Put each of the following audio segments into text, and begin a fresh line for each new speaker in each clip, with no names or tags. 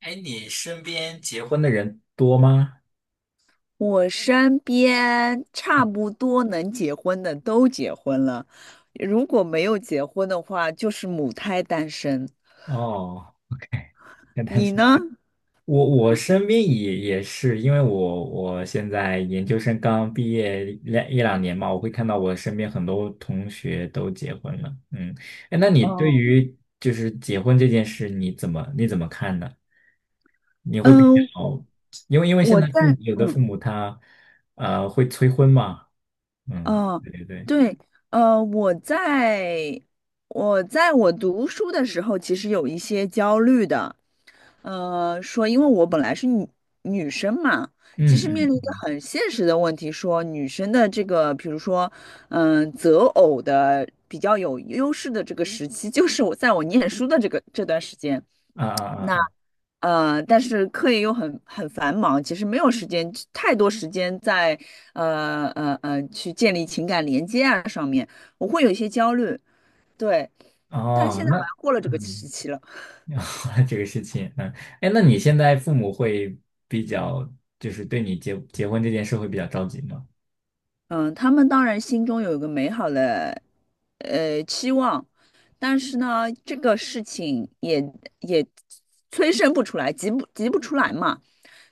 哎，你身边结婚的人多吗？
我身边差不多能结婚的都结婚了，如果没有结婚的话，就是母胎单身。
哦，OK，那 但
你
是
呢？
我我身边也是，因为我现在研究生刚毕业两年嘛，我会看到我身边很多同学都结婚了。嗯，哎，那你对
哦，
于就是结婚这件事，你怎么看呢？你会比
嗯，
较，因为现
我
在
在，
有的父
嗯。
母他会催婚嘛。嗯，
哦，
对对对。
对，呃，我在我在我读书的时候，其实有一些焦虑的，呃，说因为我本来是女生嘛，其
嗯
实面
嗯
临一个
嗯。
很现实的问题，说女生的这个，比如说，嗯、择偶的比较有优势的这个时期，就是我念书的这个这段时间。
啊啊啊
那
啊。
呃，但是课业又很繁忙，其实没有时间太多时间在去建立情感连接啊上面，我会有一些焦虑。对，但是
哦，
现在
那
好像过了这个
嗯，
时期了。
这个事情，嗯，哎，那你现在父母会比较，就是对你结婚这件事会比较着急吗？
嗯，他们当然心中有一个美好的呃期望，但是呢，这个事情也催生不出来，急不出来嘛。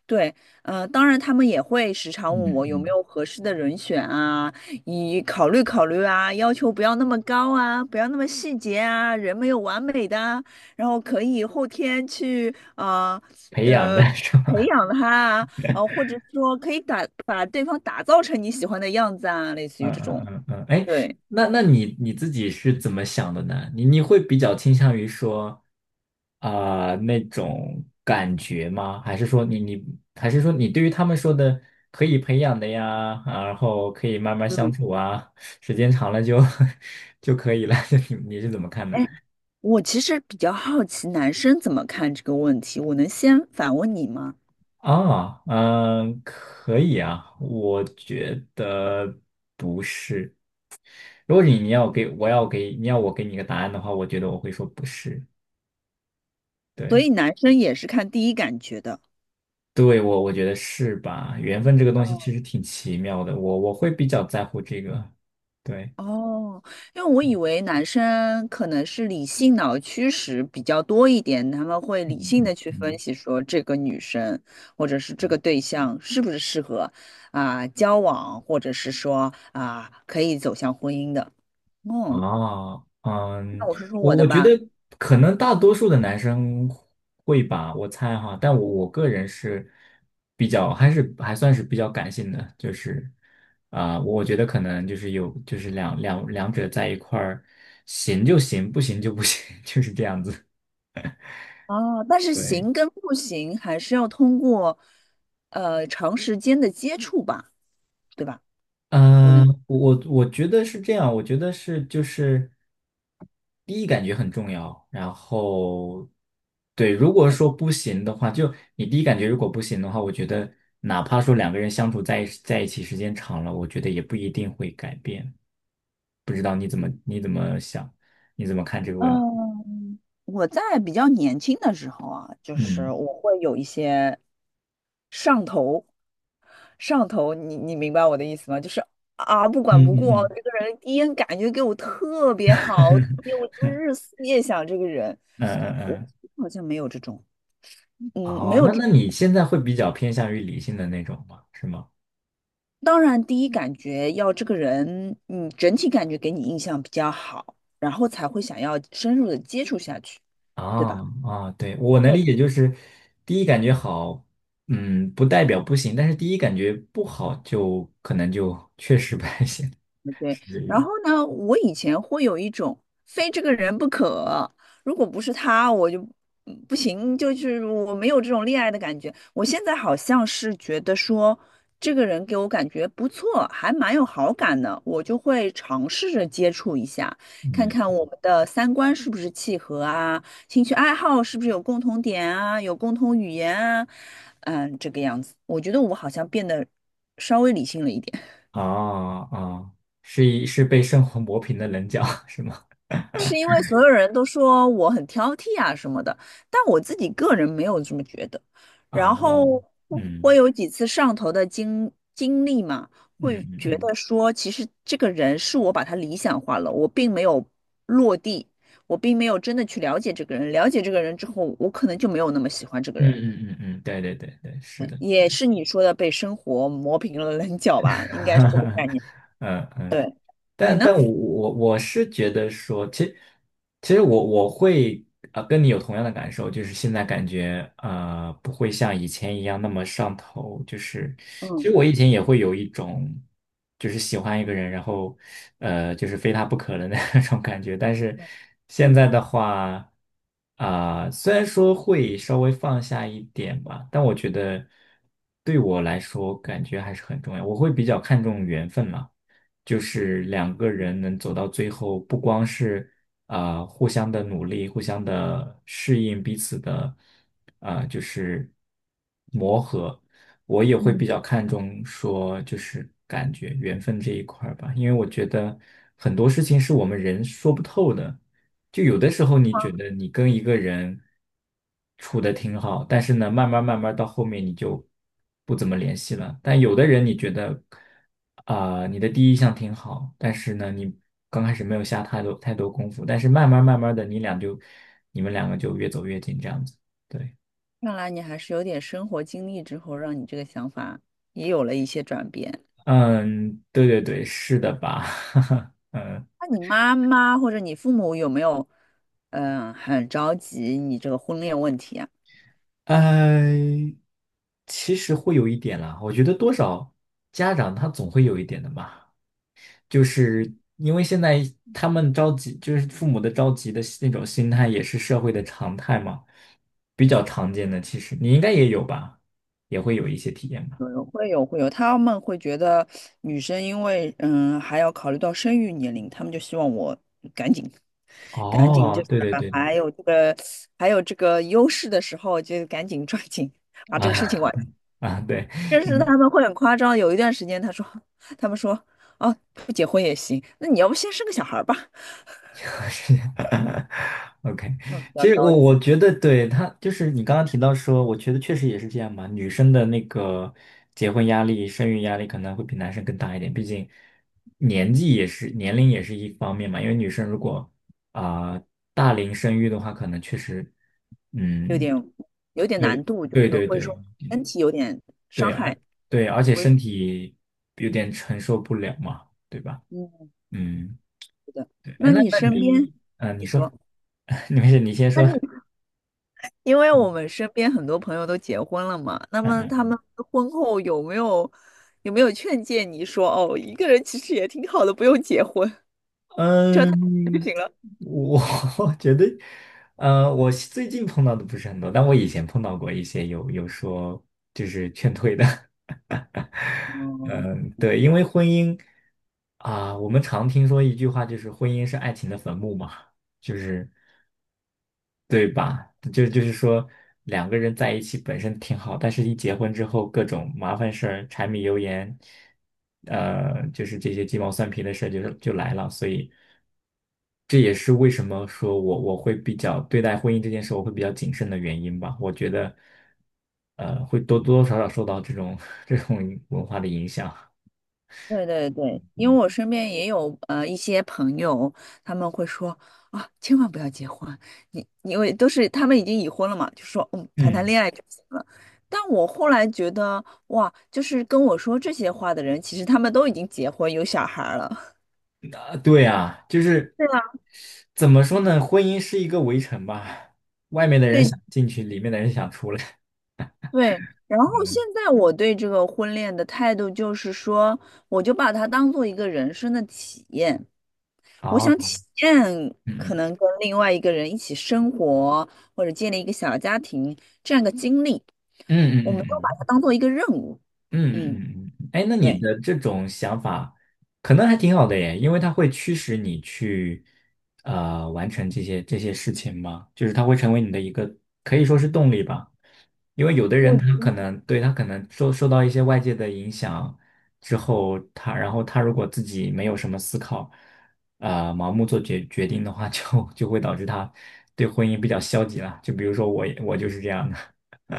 对，呃，当然他们也会时常
嗯
问我有没
嗯，
有合适的人选啊，以考虑考虑啊，要求不要那么高啊，不要那么细节啊，人没有完美的啊，然后可以后天去啊
培养
呃，
的
呃
是
培
吧？
养他啊，呃，或者说可以把对方打造成你喜欢的样子啊，类 似于
嗯
这
嗯
种。
嗯嗯，哎，
对，
那你自己是怎么想的呢？你会比较倾向于说啊、那种感觉吗？还是说你对于他们说的可以培养的呀，啊然后可以慢慢相
嗯，
处啊，时间长了就 就可以了。你是怎么看的？
哎，我其实比较好奇男生怎么看这个问题，我能先反问你吗？
啊，嗯，可以啊，我觉得不是。如果你你要给我要给你要我给你个答案的话，我觉得我会说不是。
所
对，
以男生也是看第一感觉的。
对我觉得是吧？缘分这个东西其实挺奇妙的，我会比较在乎这个。对，
哦，因为我以为男生可能是理性脑驱使比较多一点，他们会
嗯
理性
嗯
的去分
嗯。
析说这个女生或者是这个对象是不是适合啊、交往，或者是说啊、可以走向婚姻的。嗯，
啊，
那
嗯，
我说说
我
我的
我觉得
吧。
可能大多数的男生会吧，我猜哈，但我个人是比较还是还算是比较感性的，就是啊、我觉得可能就是有就是两者在一块儿行就行，不行就不行，就是这样子。
哦，但 是
对。
行跟不行还是要通过呃长时间的接触吧，对吧？我能。
嗯，我觉得是这样，我觉得就是第一感觉很重要。然后对，如果
对。
说不行的话，就你第一感觉如果不行的话，我觉得哪怕说两个人相处在一起时间长了，我觉得也不一定会改变。不知道你怎么想，你怎么看这个问题？
嗯，我在比较年轻的时候啊，就是
嗯
我会有一些上头，上头，你明白我的意思吗？就是啊，不管
嗯
不顾，
嗯嗯
这个人第一眼感觉给我特别好，特别我就是日思夜想这个人。
嗯嗯
我
嗯。
好像没有这种，嗯，没
哦，
有
那
这。
那你现在会比较偏向于理性的那种吗？是吗？
当然，第一感觉要这个人，嗯，整体感觉给你印象比较好，然后才会想要深入的接触下去，对
啊
吧？
啊，对，我能
对。
理解，就是第一感觉好，嗯，不代表不行，但是第一感觉不好就可能就确实不太行，
对，
是这意
然
思。
后呢，我以前会有一种非这个人不可，如果不是他，我就嗯不行，就是我没有这种恋爱的感觉。我现在好像是觉得说，这个人给我感觉不错，还蛮有好感的，我就会尝试着接触一下，看
嗯，
看我们的三观是不是契合啊，兴趣爱好是不是有共同点啊，有共同语言啊，嗯，这个样子，我觉得我好像变得稍微理性了一点。
啊啊，是被生活磨平的棱角，是吗？
是因为所有人都说我很挑剔啊什么的，但我自己个人没有这么觉得。然
啊，
后我
嗯
有几次上头的经历嘛，
嗯
会
嗯
觉
嗯
得说，其实这个人是我把他理想化了，我并没有落地，我并没有真的去了解这个人。了解这个人之后，我可能就没有那么喜欢这个
嗯
人。
嗯嗯嗯，嗯对对对对，是的。
也是你说的被生活磨平了棱角吧，应该是 这个概念。
嗯嗯。
对，你
但
呢？
但我是觉得说，其实我会啊、跟你有同样的感受，就是现在感觉啊不会像以前一样那么上头，就是其
嗯
实我以前也会有一种就是喜欢一个人，然后就是非他不可的那 种感觉，但是现
嗯
在的话啊、虽然说会稍微放下一点吧，但我觉得对我来说感觉还是很重要，我会比较看重缘分嘛。就是两个人能走到最后，不光是互相的努力，互相的适应彼此的呃就是磨合，我也会比
嗯。
较看重说就是感觉缘分这一块儿吧，因为我觉得很多事情是我们人说不透的。就有的时候你觉得你跟一个人处的挺好，但是呢，慢慢慢慢到后面你就不怎么联系了。但有的人你觉得啊、你的第一印象挺好，但是呢，你刚开始没有下太多功夫，但是慢慢慢慢的，你们两个就越走越近这样子。对，
看来你还是有点生活经历之后，让你这个想法也有了一些转变。
嗯，对对对，是的吧？嗯，
那你妈妈或者你父母有没有，嗯，很着急你这个婚恋问题啊？
呃，其实会有一点啦，我觉得多少家长他总会有一点的嘛。就是因为现在他们着急，就是父母的着急的那种心态，也是社会的常态嘛，比较常见的。其实你应该也有吧，也会有一些体验吧。
会有，他们会觉得女生因为嗯还要考虑到生育年龄，他们就希望我赶紧赶紧
哦，
就是
对对对，
还有这个还有这个优势的时候，就赶紧抓紧 把这个事情
啊
完。
啊，对，
但是他们会很夸张，有一段时间他们说，哦，不结婚也行，那你要不先生个小孩儿吧？
OK，
嗯，比较
其实
着
我
急，
我觉得对他就是你刚刚提到说，我觉得确实也是这样嘛。女生的那个结婚压力、生育压力可能会比男生更大一点，毕竟年龄也是一方面嘛。因为女生如果啊、大龄生育的话，可能确实
有
嗯，
点有点难
对
度，就
对
是
对
会
对
说身体有点伤
对，
害。
对，而且
我
身体有点承受不了嘛，对吧？
嗯，
嗯。
是的。
对，哎，
那
那
你
那
身边，
你，嗯、你
你
说，
说，
你没事，你先
那
说。
你因为
嗯
我们身边很多朋友都结婚了嘛，那么他们婚后有没有劝诫你说，哦，一个人其实也挺好的，不用结婚，就
嗯，
他 就
嗯
行了。
我 我觉得，呃，我最近碰到的不是很多，但我以前碰到过一些有说就是劝退的。嗯，对，因为婚姻啊、我们常听说一句话，就是婚姻是爱情的坟墓嘛，就是对吧？就是说，两个人在一起本身挺好，但是一结婚之后，各种麻烦事儿、柴米油盐，呃，就是这些鸡毛蒜皮的事儿就来了。所以，这也是为什么说我会比较对待婚姻这件事，我会比较谨慎的原因吧。我觉得，呃，会多多少少受到这种 这种文化的影响。
对对对，因为我身边也有呃一些朋友，他们会说啊，千万不要结婚，你因为都是他们已经已婚了嘛，就说嗯，谈谈
嗯，
恋爱就行了。但我后来觉得，哇，就是跟我说这些话的人，其实他们都已经结婚有小孩儿了。
啊，对啊，就是
对啊，
怎么说呢？婚姻是一个围城吧，外面的 人
对
想进去，里面的人想出来。
对。然后
嗯
现在我对这个婚恋的态度就是说，我就把它当做一个人生的体验。我想
哦，
体验
嗯
可能跟另外一个人一起生活，或者建立一个小家庭这样一个经历，
嗯
我
嗯
们都把它
嗯
当做一个任务。
嗯
嗯，
嗯嗯嗯，哎，那你
对，
的这种想法可能还挺好的耶，因为它会驱使你去完成这些事情嘛，就是它会成为你的一个可以说是动力吧。因为有的人
我
他可能受到一些外界的影响之后，他然后他如果自己没有什么思考，呃，盲目做决定的话，就会导致他对婚姻比较消极了。就比如说我就是这样的。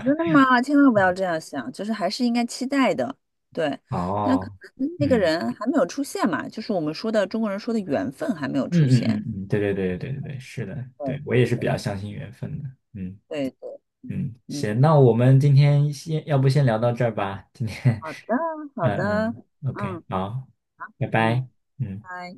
真的吗？千万不
嗯
要这样想，就是还是应该期待的。对，那可
哦，
能那个
嗯
人还没有出现嘛，就是我们说的中国人说的缘分还没有
嗯
出
嗯嗯
现。
嗯，对对对对对对对是的，对我
对
也是比较相信缘分的，嗯
对对，对
嗯，
嗯，
行，那我们今天先，要不先聊到这儿吧，今天，
好的 好
嗯
的，
嗯，OK，
嗯
好，拜
嗯。
拜，嗯。
拜